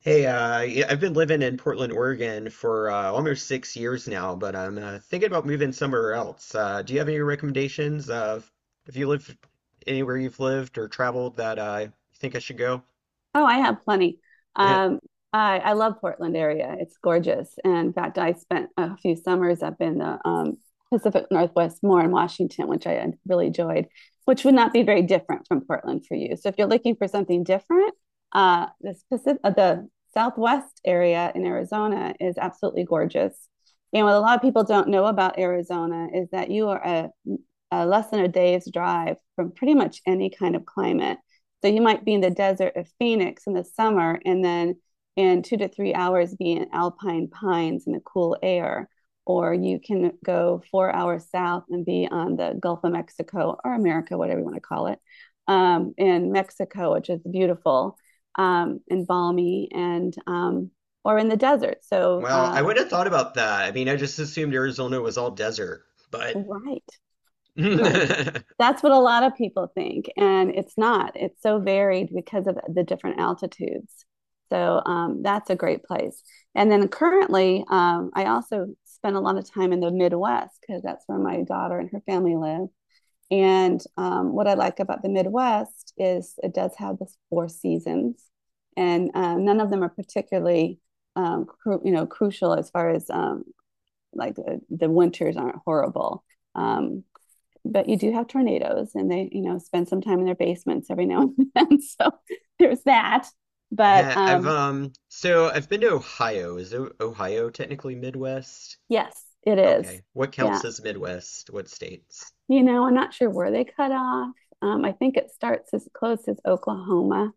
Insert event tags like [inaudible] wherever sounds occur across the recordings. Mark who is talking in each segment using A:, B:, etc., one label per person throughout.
A: Hey, yeah, I've been living in Portland, Oregon for almost 6 years now, but I'm thinking about moving somewhere else. Do you have any recommendations of if you live anywhere you've lived or traveled that you think I should go?
B: Oh, I have plenty.
A: [laughs] Yeah.
B: Um, I love Portland area. It's gorgeous. And in fact, I spent a few summers up in the Pacific Northwest, more in Washington, which I had really enjoyed, which would not be very different from Portland for you. So if you're looking for something different, the Southwest area in Arizona is absolutely gorgeous. And what a lot of people don't know about Arizona is that you are a less than a day's drive from pretty much any kind of climate, so you might be in the desert of Phoenix in the summer and then in 2 to 3 hours be in alpine pines in the cool air. Or you can go 4 hours south and be on the Gulf of Mexico or America, whatever you want to call it, in Mexico, which is beautiful, and balmy, and or in the desert. So,
A: Well, I would have thought about that. I mean, I just assumed Arizona was all desert, but
B: right,
A: [laughs]
B: right.
A: Heh,
B: That's what a lot of people think, and it's not. It's so varied because of the different altitudes. So that's a great place. And then currently, I also spend a lot of time in the Midwest because that's where my daughter and her family live. And What I like about the Midwest is it does have the four seasons, and none of them are particularly crucial as far as like the winters aren't horrible. Um, but you do have tornadoes, and they, you know, spend some time in their basements every now and then, [laughs] so there's that, but um
A: I've been to Ohio. Is Ohio technically Midwest?
B: yes, it is.
A: Okay, what
B: Yeah,
A: counts as Midwest? What states?
B: you know, I'm not sure where they cut off. I think it starts as close as Oklahoma.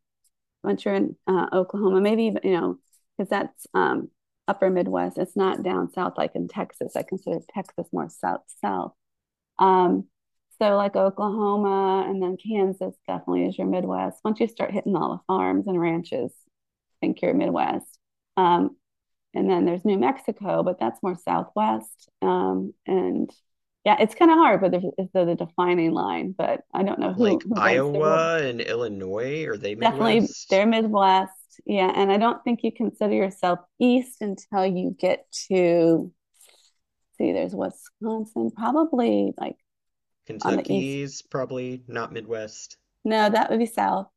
B: Once you're in Oklahoma, maybe, even, you know, because that's upper Midwest. It's not down south like in Texas. I consider Texas more south, south. Um, so like Oklahoma and then Kansas definitely is your Midwest. Once you start hitting all the farms and ranches, I think you're Midwest. Um, and then there's New Mexico, but that's more Southwest. And yeah, it's kind of hard, it's the defining line. But I don't know who
A: Like
B: who writes the rule.
A: Iowa and Illinois, are they
B: Definitely,
A: Midwest?
B: they're Midwest. Yeah, and I don't think you consider yourself East until you get to, see. There's Wisconsin, probably like on the East.
A: Kentucky's probably not Midwest.
B: No, that would be South.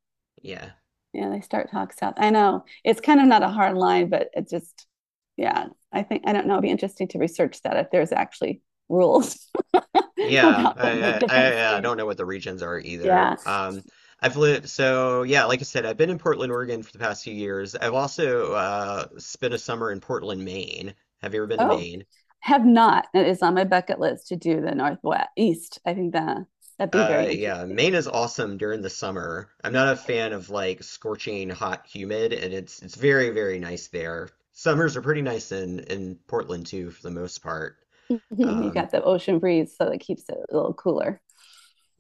A: Yeah.
B: Yeah, they start talk south. I know. It's kind of not a hard line, but it just, yeah, I think, I don't know. It'd be interesting to research that if there's actually rules [laughs]
A: Yeah,
B: about the
A: I, I
B: different
A: I I
B: states.
A: don't know what the regions are either.
B: Yeah.
A: I've lived so yeah, like I said, I've been in Portland, Oregon for the past few years. I've also spent a summer in Portland, Maine. Have you ever been to
B: Oh,
A: Maine?
B: have not. It is on my bucket list to do the Northwest East. I think that that'd be very
A: Yeah,
B: interesting.
A: Maine is awesome during the summer. I'm not a fan of like scorching hot humid, and it's very, very nice there. Summers are pretty nice in Portland too, for the most part.
B: [laughs] You
A: Um,
B: got the ocean breeze, so it keeps it a little cooler.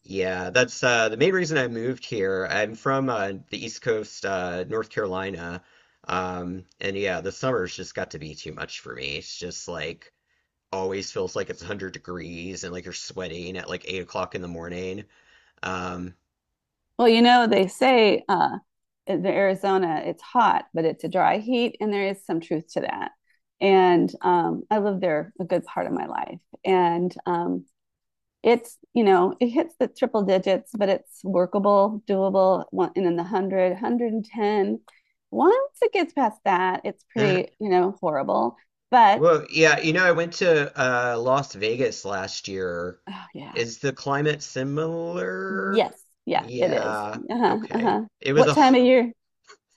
A: yeah, that's the main reason I moved here. I'm from the East Coast, North Carolina, and yeah, the summers just got to be too much for me. It's just like always feels like it's 100 degrees and like you're sweating at like 8 o'clock in the morning. Um,
B: Well, you know, they say, in Arizona it's hot, but it's a dry heat, and there is some truth to that. And I lived there a good part of my life, and it's, you know, it hits the triple digits, but it's workable, doable. One, and then the 100. Once it gets past that, it's pretty,
A: [laughs]
B: you know, horrible. But
A: Well, yeah, you know, I went to Las Vegas last year.
B: oh, yeah.
A: Is the climate similar?
B: Yes. Yeah, it is.
A: Yeah,
B: Uh-huh,
A: okay.
B: uh-huh.
A: It was
B: What
A: a
B: time of year?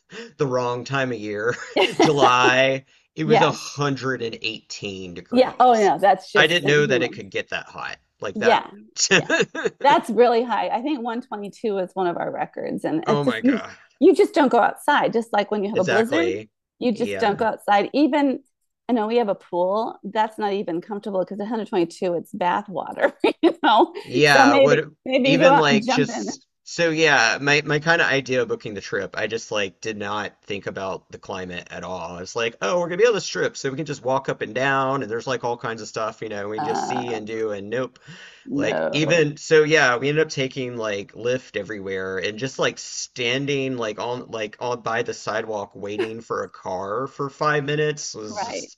A: [laughs] the wrong time of year. [laughs]
B: [laughs]
A: July, it was
B: Yes.
A: 118
B: Yeah, oh
A: degrees.
B: yeah, that's
A: I
B: just
A: didn't know that it
B: inhuman.
A: could get that hot. Like that.
B: Yeah. Yeah.
A: [laughs]
B: That's really high. I think 122 is one of our records. And
A: Oh
B: it's just,
A: my
B: you,
A: God.
B: you just don't go outside. Just like when you have a blizzard,
A: Exactly.
B: you just don't
A: Yeah.
B: go outside. Even, I know we have a pool that's not even comfortable because 122, it's bath water, [laughs] you know? So
A: Yeah,
B: maybe,
A: what
B: maybe you go
A: even
B: out and
A: like
B: jump in.
A: just so yeah, my kind of idea of booking the trip, I just like did not think about the climate at all. I was like, oh, we're gonna be on this trip, so we can just walk up and down, and there's like all kinds of stuff, you know, we can just see
B: Uh,
A: and do, and nope. Like
B: no,
A: we ended up taking like Lyft everywhere and just like standing like on by the sidewalk waiting for a car for 5 minutes was
B: right.
A: just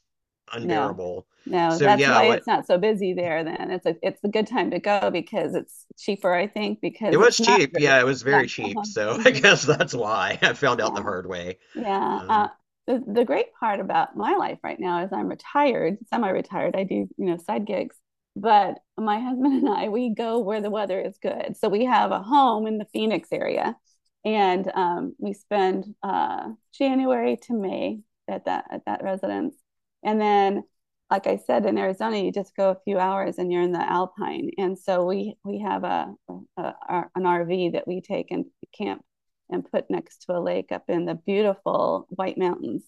B: No,
A: unbearable.
B: no.
A: So
B: That's
A: yeah,
B: why it's not so busy there then. It's a good time to go because it's cheaper, I think,
A: it
B: because
A: was
B: it's not,
A: cheap. Yeah, it was
B: yeah.
A: very cheap.
B: Uh-huh.
A: So [laughs] I
B: Mhm.
A: guess that's why I found out the
B: Yeah,
A: hard way.
B: yeah.
A: Um,
B: The great part about my life right now is I'm retired, semi-retired. I do, you know, side gigs, but my husband and I, we go where the weather is good. So we have a home in the Phoenix area, and we spend January to May at that residence, and then. Like I said, in Arizona, you just go a few hours and you're in the Alpine. And so we have a an RV that we take and camp and put next to a lake up in the beautiful White Mountains,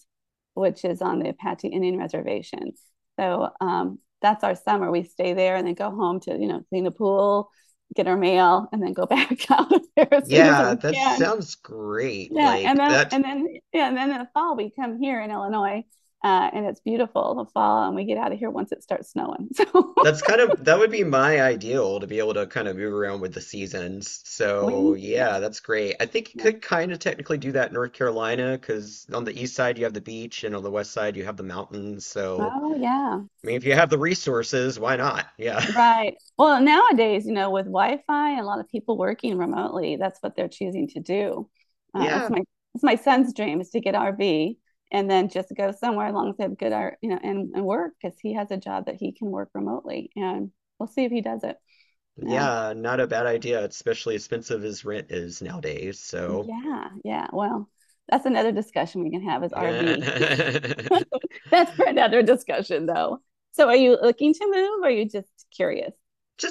B: which is on the Apache Indian Reservation. So that's our summer. We stay there and then go home to, you know, clean the pool, get our mail, and then go [laughs] back out of there as soon as
A: yeah,
B: we
A: that
B: can.
A: sounds great.
B: Yeah.
A: Like
B: Yeah. And then in the fall, we come here in Illinois, and it's beautiful the fall, and we get out of here once it starts snowing. So
A: that's kind of that would be my ideal to be able to kind of move around with the seasons.
B: [laughs]
A: So
B: we, yeah.
A: yeah, that's great. I think you
B: Yeah.
A: could kind of technically do that in North Carolina because on the east side you have the beach and on the west side you have the mountains. So
B: Oh, yeah.
A: I mean, if you have the resources, why not? Yeah. [laughs]
B: Right. Well, nowadays, you know, with Wi-Fi and a lot of people working remotely, that's what they're choosing to do. Uh, that's
A: Yeah.
B: my that's my son's dream, is to get RV and then just go somewhere alongside good art, you know, and work because he has a job that he can work remotely. And we'll see if he does it. Yeah.
A: Yeah, not a bad idea, especially expensive as rent is nowadays. So
B: Yeah. Yeah. Well, that's another discussion we can have is
A: [laughs]
B: RV.
A: Just
B: [laughs] That's for another discussion though. So are you looking to move or are you just curious?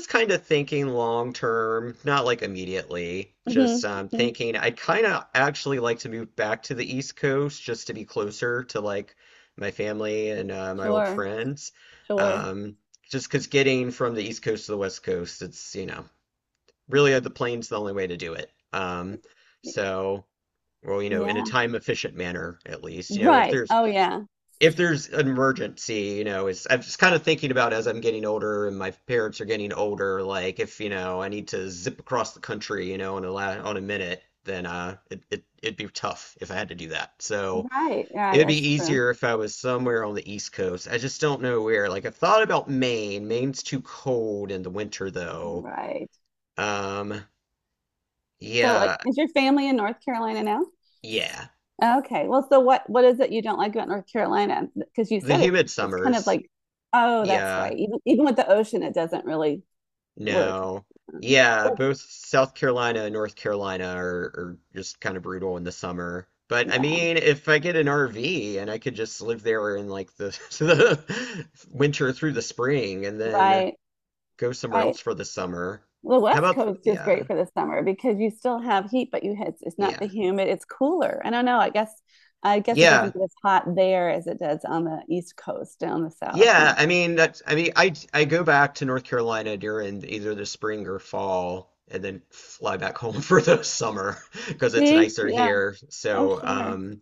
A: kind of thinking long term, not like immediately. Just
B: Hmm.
A: thinking I'd kind of actually like to move back to the East Coast just to be closer to like my family and my old
B: Sure.
A: friends.
B: Sure.
A: Um, just because getting from the East Coast to the West Coast, it's, you know, really the plane's the only way to do it. So, well, you know, in a
B: Yeah.
A: time efficient manner, at least. You know,
B: Right. Oh, yeah.
A: if there's an emergency, you know, it's I'm just kind of thinking about as I'm getting older and my parents are getting older, like if, you know, I need to zip across the country, you know, in a la on a minute, then it'd be tough if I had to do that. So
B: Right. Right.
A: it'd
B: That's
A: be
B: true.
A: easier if I was somewhere on the East Coast. I just don't know where. Like I've thought about Maine. Maine's too cold in the winter though.
B: Right.
A: Um
B: So,
A: yeah,
B: is your family in North Carolina now?
A: yeah.
B: Okay. Well, so what is it you don't like about North Carolina? Because you
A: The
B: said it,
A: humid
B: it's kind of
A: summers.
B: like, oh, that's
A: Yeah.
B: right. Even, even with the ocean, it doesn't really work.
A: No.
B: Yeah.
A: Yeah, both South Carolina and North Carolina are just kind of brutal in the summer. But I
B: Yeah.
A: mean, if I get an RV and I could just live there in like the, [laughs] the winter through the spring and then
B: Right.
A: go somewhere
B: Right.
A: else for the summer.
B: The
A: How
B: West
A: about,
B: Coast is
A: yeah,
B: great for the summer because you still have heat, but you, it's not the
A: yeah,
B: humid. It's cooler. I don't know. I guess it
A: yeah,
B: doesn't get as hot there as it does on the East Coast down the South
A: yeah.
B: and.
A: I mean,
B: Yeah.
A: that's, I mean, I go back to North Carolina during either the spring or fall and then fly back home [laughs] for the summer because it's
B: See?
A: nicer
B: Yeah.
A: here.
B: Oh,
A: So,
B: sure.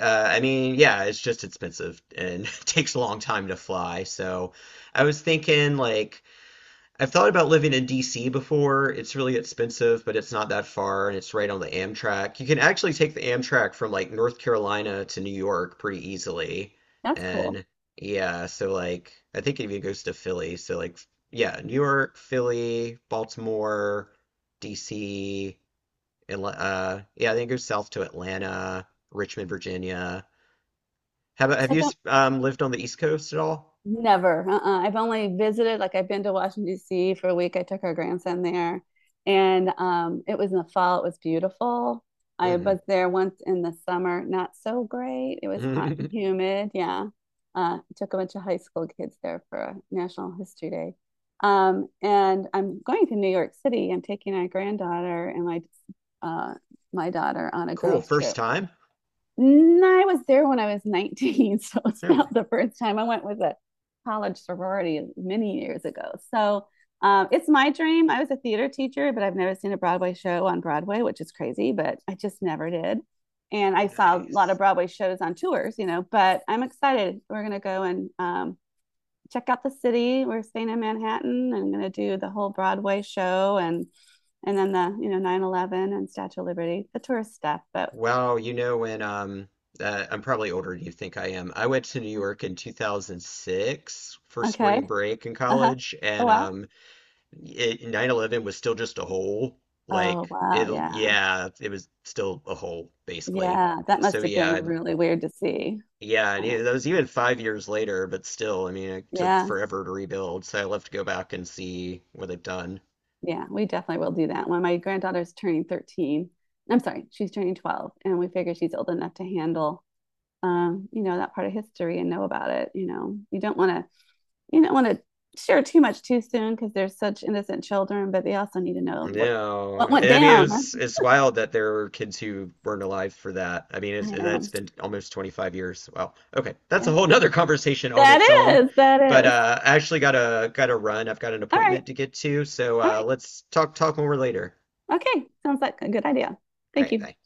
A: I mean, yeah, it's just expensive and [laughs] takes a long time to fly. So I was thinking, like, I've thought about living in DC before. It's really expensive, but it's not that far and it's right on the Amtrak. You can actually take the Amtrak from like North Carolina to New York pretty easily.
B: That's cool.
A: And yeah, so like, I think it even goes to Philly. So, like, yeah, New York, Philly, Baltimore, DC, yeah, I think it goes south to Atlanta, Richmond, Virginia. How about, have
B: So I
A: you
B: don't,
A: lived on the East Coast at all?
B: never. Uh-uh. I've only visited, like I've been to Washington, D.C. for a week. I took our grandson there, and it was in the fall. It was beautiful. I
A: Hmm.
B: was there once in the summer, not so great. It was hot and
A: [laughs]
B: humid. Yeah. Took a bunch of high school kids there for a National History Day. And I'm going to New York City. I'm taking my granddaughter and my, uh, my daughter on a
A: Cool.
B: girls'
A: First
B: trip.
A: time?
B: No, I was there when I was 19. [laughs] So it's
A: Okay.
B: about the first time I went with a college sorority many years ago. So, it's my dream. I was a theater teacher, but I've never seen a Broadway show on Broadway, which is crazy, but I just never did. And I saw a lot of
A: Nice.
B: Broadway shows on tours, you know, but I'm excited. We're going to go and, check out the city. We're staying in Manhattan. I'm going to do the whole Broadway show, and then the, you know, 9/11 and Statue of Liberty, the tourist stuff. But
A: Wow, you know when I'm probably older than you think I am. I went to New York in 2006 for
B: okay.
A: spring break in
B: Uh-huh.
A: college
B: Oh,
A: and
B: wow.
A: um it, 9/11 was still just a hole.
B: Oh,
A: Like
B: wow. Yeah.
A: it was still a hole basically.
B: Yeah. That
A: So
B: must have been
A: yeah,
B: really weird to see.
A: yeah, and
B: Kind of.
A: that was even 5 years later, but still, I mean, it took
B: Yeah.
A: forever to rebuild, so I'll have to go back and see what they've done.
B: Yeah. We definitely will do that. When my granddaughter's turning 13, I'm sorry, she's turning 12, and we figure she's old enough to handle, you know, that part of history and know about it. You know, you don't want to, you don't want to share too much too soon because they're such innocent children, but they also need to know what
A: No,
B: went
A: and I mean,
B: down. Huh?
A: it's wild that there were kids who weren't alive for that. I mean,
B: I know.
A: that's been almost 25 years. Wow. Okay, that's a
B: Yeah.
A: whole nother conversation on
B: That
A: its own.
B: is,
A: But
B: that is.
A: I actually got to run. I've got an
B: All right.
A: appointment to get to, so
B: All right.
A: let's talk more later.
B: Okay. Sounds like a good idea.
A: All
B: Thank
A: right,
B: you.
A: bye.